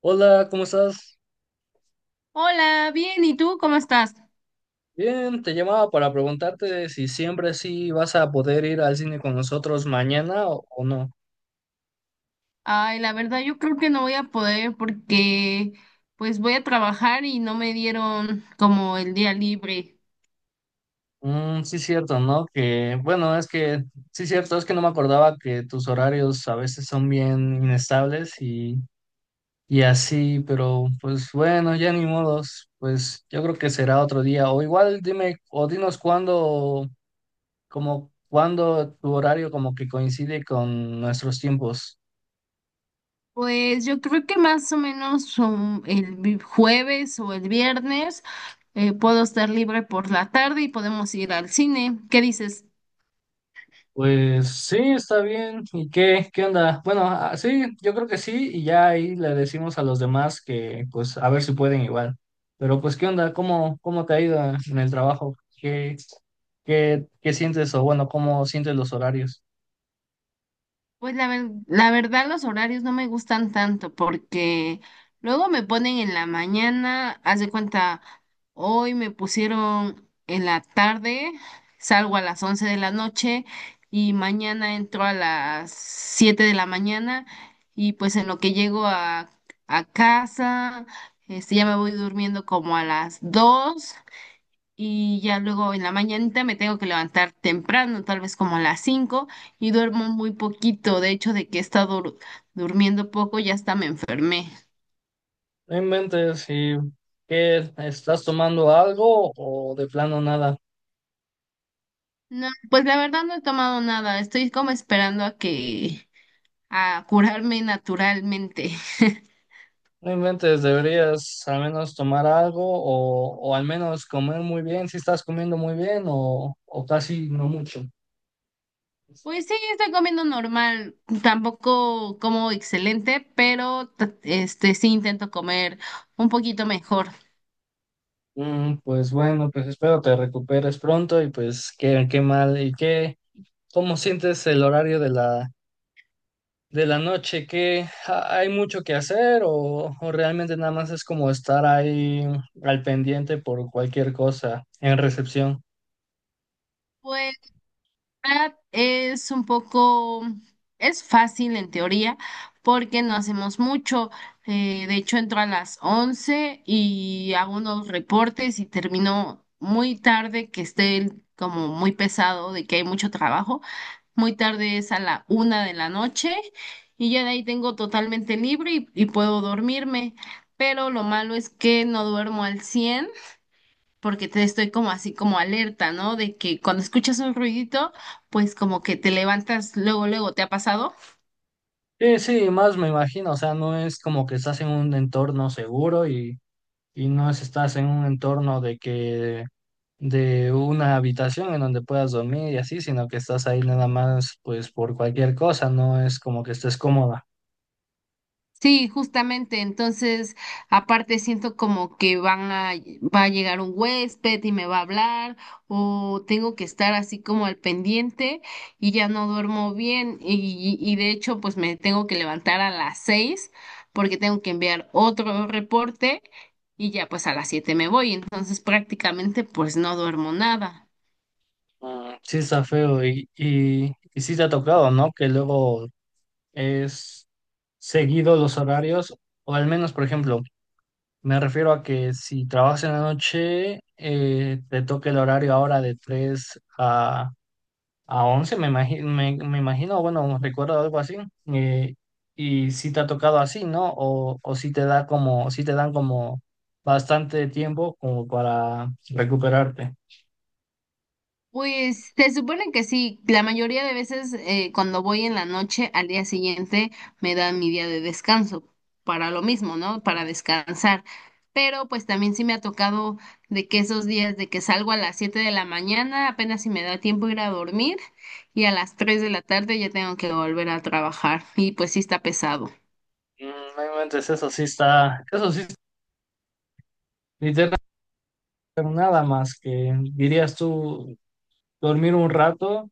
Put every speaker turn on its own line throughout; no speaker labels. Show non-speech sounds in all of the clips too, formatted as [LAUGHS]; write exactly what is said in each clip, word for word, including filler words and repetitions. Hola, ¿cómo estás?
Hola, bien, ¿y tú cómo estás?
Bien, te llamaba para preguntarte si siempre sí vas a poder ir al cine con nosotros mañana o, o no.
Ay, la verdad yo creo que no voy a poder porque pues voy a trabajar y no me dieron como el día libre.
Mm, sí, cierto, ¿no? Que bueno, es que sí, cierto, es que no me acordaba que tus horarios a veces son bien inestables y, y así, pero pues bueno, ya ni modos, pues yo creo que será otro día. O igual dime, o dinos cuándo, como cuándo tu horario como que coincide con nuestros tiempos.
Pues yo creo que más o menos um, el vi- jueves o el viernes eh, puedo estar libre por la tarde y podemos ir al cine. ¿Qué dices?
Pues sí, está bien. ¿Y qué, qué onda? Bueno, ah, sí, yo creo que sí, y ya ahí le decimos a los demás que pues a ver si pueden igual. Pero pues qué onda, ¿cómo, cómo te ha ido en el trabajo? ¿Qué, qué, qué sientes o bueno, cómo sientes los horarios?
Pues la ver- la verdad los horarios no me gustan tanto porque luego me ponen en la mañana, haz de cuenta, hoy me pusieron en la tarde, salgo a las once de la noche y mañana entro a las siete de la mañana y pues en lo que llego a, a casa, este, ya me voy durmiendo como a las dos y ya luego en la mañanita me tengo que levantar temprano, tal vez como a las cinco y duermo muy poquito. De hecho, de que he estado dur- durmiendo poco, ya hasta me enfermé.
No inventes, ¿y qué estás tomando algo o de plano nada?
No, pues la verdad no he tomado nada, estoy como esperando a que a curarme naturalmente. [LAUGHS]
No inventes, deberías al menos tomar algo o, o al menos comer muy bien, si estás comiendo muy bien o, o casi no mucho.
Pues sí, estoy comiendo normal, tampoco como excelente, pero t- este sí intento comer un poquito mejor.
Mm, pues bueno, pues espero te recuperes pronto y pues qué, qué mal y qué, ¿cómo sientes el horario de la, de la noche? ¿Qué ha- hay mucho que hacer o, o realmente nada más es como estar ahí al pendiente por cualquier cosa en recepción?
Pues verdad es un poco, es fácil en teoría porque no hacemos mucho. Eh, de hecho, entro a las once y hago unos reportes y termino muy tarde, que esté el- como muy pesado de que hay mucho trabajo. Muy tarde es a la una de la noche y ya de ahí tengo totalmente libre y, y puedo dormirme. Pero lo malo es que no duermo al cien porque te estoy como así como alerta, ¿no? De que cuando escuchas un ruidito, pues como que te levantas luego, luego, ¿te ha pasado?
Sí, sí, más me imagino, o sea, no es como que estás en un entorno seguro y no es- estás en un entorno de que de una habitación en donde puedas dormir y así, sino que estás ahí nada más pues por cualquier cosa, no es como que estés cómoda.
Sí, justamente, entonces aparte siento como que van a, va a llegar un huésped y me va a hablar o tengo que estar así como al pendiente y ya no duermo bien y, y de hecho pues me tengo que levantar a las seis porque tengo que enviar otro reporte y ya pues a las siete me voy, entonces prácticamente pues no duermo nada.
Mm, sí está feo y, y, y sí te ha tocado, ¿no? Que luego es seguido los horarios, o al menos, por ejemplo, me refiero a que si trabajas en la noche, eh, te toca el horario ahora de tres a A once me imagino, me, me imagino, bueno, recuerdo algo así. eh, y si te ha tocado así, ¿no? O, o si te da como, si te dan como bastante tiempo como para recuperarte.
Pues se supone que sí, la mayoría de veces eh, cuando voy en la noche al día siguiente me dan mi día de descanso para lo mismo, ¿no? Para descansar. Pero pues también sí me ha tocado de que esos días de que salgo a las siete de la mañana, apenas si me da tiempo ir a dormir y a las tres de la tarde ya tengo que volver a trabajar y pues sí está pesado.
Mm, no inventes, eso sí está, eso sí, literalmente nada más que dirías tú dormir un rato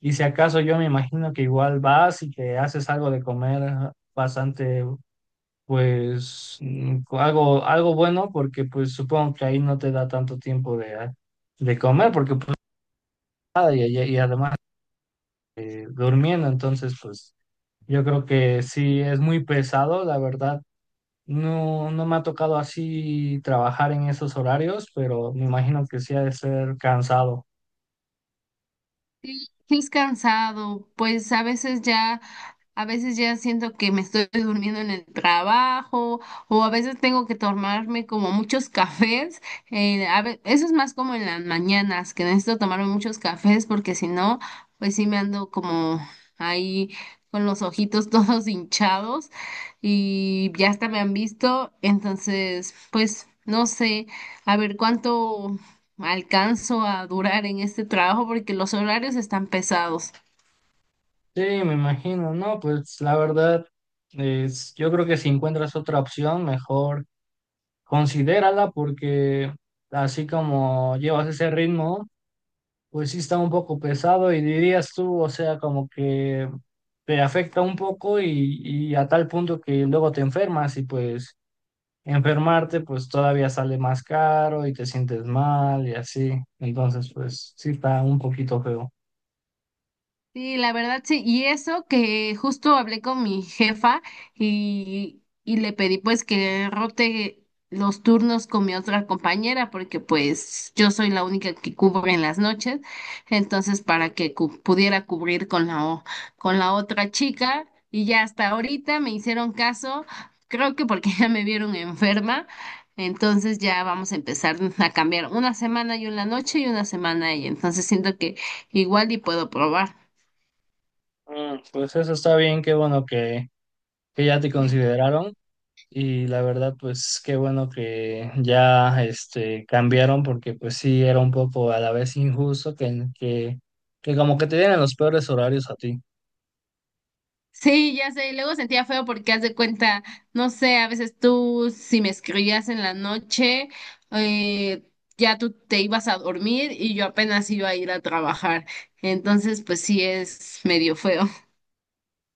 y si acaso yo me imagino que igual vas y que haces algo de comer bastante pues mm, algo, algo bueno porque pues supongo que ahí no te da tanto tiempo de, ah, de comer porque pues nada y, y- y además eh, durmiendo, entonces pues yo creo que sí es muy pesado, la verdad. No, no me ha tocado así trabajar en esos horarios, pero me imagino que sí ha de ser cansado.
Sí, sí es cansado, pues a veces ya, a veces ya siento que me estoy durmiendo en el trabajo o a veces tengo que tomarme como muchos [LAUGHS] cafés. Eh, a ve- eso es más como en las mañanas, que necesito tomarme muchos cafés porque si no, pues sí me ando como ahí con los ojitos [LAUGHS] todos hinchados y ya hasta me han visto, entonces, pues no sé, a ver cuánto alcanzo a durar en este trabajo porque los horarios están pesados.
Sí, me imagino, no, pues la verdad, es, yo creo que si encuentras otra opción, mejor considérala porque así como llevas ese ritmo, pues sí está un poco pesado y dirías tú, o sea, como que te afecta un poco y, y a tal punto que luego te enfermas y pues enfermarte pues todavía sale más caro y te sientes mal y así. Entonces pues sí está un poquito feo.
Sí, la verdad sí, y eso que justo hablé con mi jefa y, y le pedí pues que rote los turnos con mi otra compañera porque pues yo soy la única que cubre en las noches, entonces para que cu- pudiera cubrir con la, o- con la otra chica y ya hasta ahorita me hicieron caso, creo que porque [LAUGHS] ya me vieron enferma, entonces ya vamos a empezar a cambiar una semana yo en la noche y una semana ella, entonces siento que igual y puedo probar.
Mm, pues eso está bien, qué bueno que, que ya te consideraron y la verdad pues qué bueno que ya este cambiaron porque pues sí era un poco a la vez injusto que, que, que como que te dieran los peores horarios a ti.
Sí, ya sé, y luego sentía feo porque haz de cuenta, no sé, a veces tú si me escribías en la noche, eh, ya tú te ibas a dormir y yo apenas iba a ir a trabajar. Entonces, pues sí es medio feo.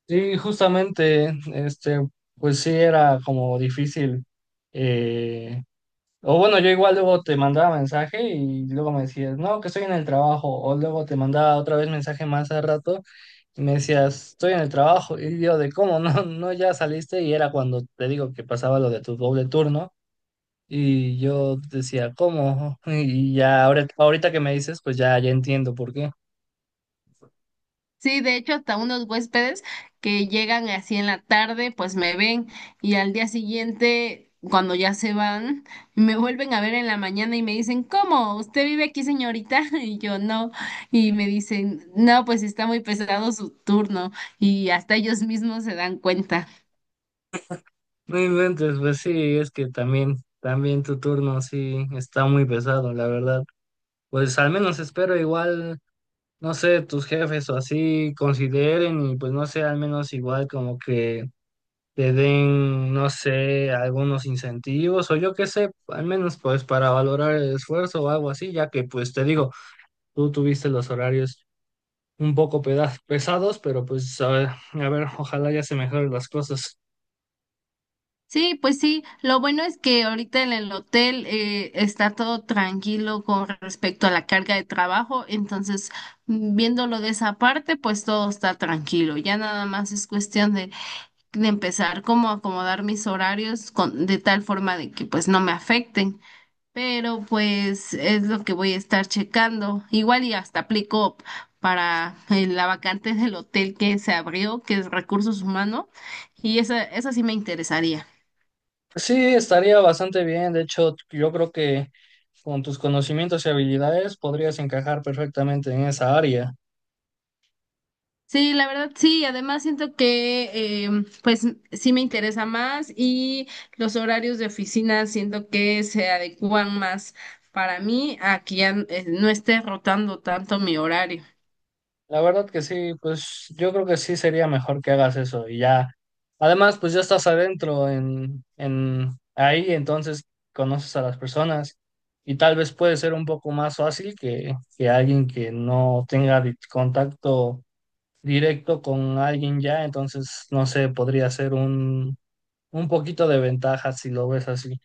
Sí, justamente, este, pues sí era como difícil. eh, o bueno, yo igual luego te mandaba mensaje y luego me decías, no, que estoy en el trabajo. O luego te mandaba otra vez mensaje más al rato y me decías, estoy en el trabajo. Y yo de cómo, no, no, ya saliste. Y era cuando te digo que pasaba lo de tu doble turno. Y yo decía, ¿cómo? Y ya ahora- ahorita que me dices, pues ya, ya entiendo por qué.
Sí, de hecho, hasta unos huéspedes que llegan así en la tarde, pues me ven y al día siguiente, cuando ya se van, me vuelven a ver en la mañana y me dicen, ¿cómo? ¿Usted vive aquí, señorita? [LAUGHS] Y yo no. Y me dicen, no, pues está muy pesado su turno y hasta ellos mismos se dan cuenta.
No inventes, pues sí, es que también, también tu turno sí está muy pesado, la verdad. Pues al menos espero igual, no sé, tus jefes o así consideren y pues no sé, al menos igual como que te den, no sé, algunos incentivos o yo qué sé, al menos pues para valorar el esfuerzo o algo así, ya que pues te digo, tú tuviste los horarios un poco peda- pesados, pero pues a ver, a ver, ojalá ya se mejoren las cosas.
Sí, pues sí, lo bueno es que ahorita en el hotel eh, está todo tranquilo con respecto a la carga de trabajo, entonces mm, viéndolo de esa parte, pues todo está tranquilo, ya nada más es cuestión de, de empezar como a acomodar mis horarios con, de tal forma de que pues no me afecten, pero pues es lo que voy a estar checando, igual y hasta aplico para eh, la vacante del hotel que se abrió, que es recursos humanos, y esa, esa sí me interesaría.
Sí, estaría bastante bien. De hecho, yo creo que con tus conocimientos y habilidades podrías encajar perfectamente en esa área.
Sí, la verdad sí, además siento que eh, pues sí me interesa más y los horarios de oficina siento que se adecuan más para mí a que ya eh, no esté rotando tanto mi horario.
La verdad que sí, pues yo creo que sí sería mejor que hagas eso y ya. Además, pues ya estás adentro en, en ahí, entonces conoces a las personas y tal vez puede ser un poco más fácil que, que alguien que no tenga di- contacto directo con alguien ya, entonces no sé, podría ser un un poquito de ventaja si lo ves así.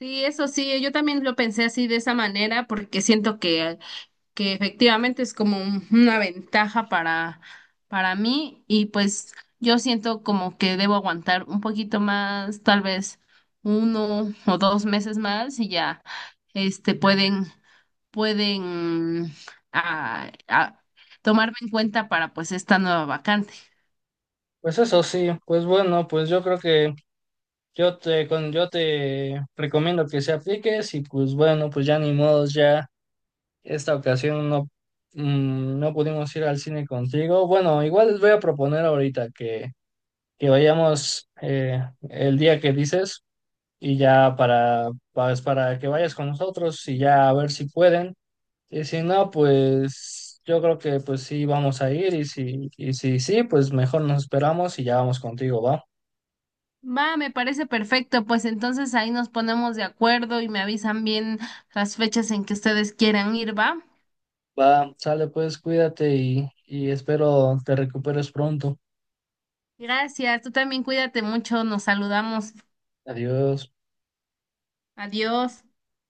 Sí, eso sí, yo también lo pensé así de esa manera porque siento que que efectivamente es como un- una ventaja para, para mí y pues yo siento como que debo aguantar un poquito más, tal vez uno o dos meses más y ya este pueden pueden ah, ah, tomarme en cuenta para pues esta nueva vacante.
Pues eso sí, pues bueno, pues yo creo que yo te, con, yo te recomiendo que se apliques y pues bueno, pues ya ni modos, ya esta ocasión no, mm, no pudimos ir al cine contigo. Bueno, igual les voy a proponer ahorita que, que vayamos eh, el día que dices y ya para, pues, para que vayas con nosotros y ya a ver si pueden. Y si no, pues yo creo que pues sí vamos a ir y si, y si sí, pues mejor nos esperamos y ya vamos contigo, ¿va?
Va, me parece perfecto, pues entonces ahí nos ponemos de acuerdo y me avisan bien las fechas en que ustedes quieran ir, ¿va?
Va, sale pues, cuídate y, y espero te recuperes pronto.
Gracias, tú también cuídate mucho, nos saludamos.
Adiós.
Adiós.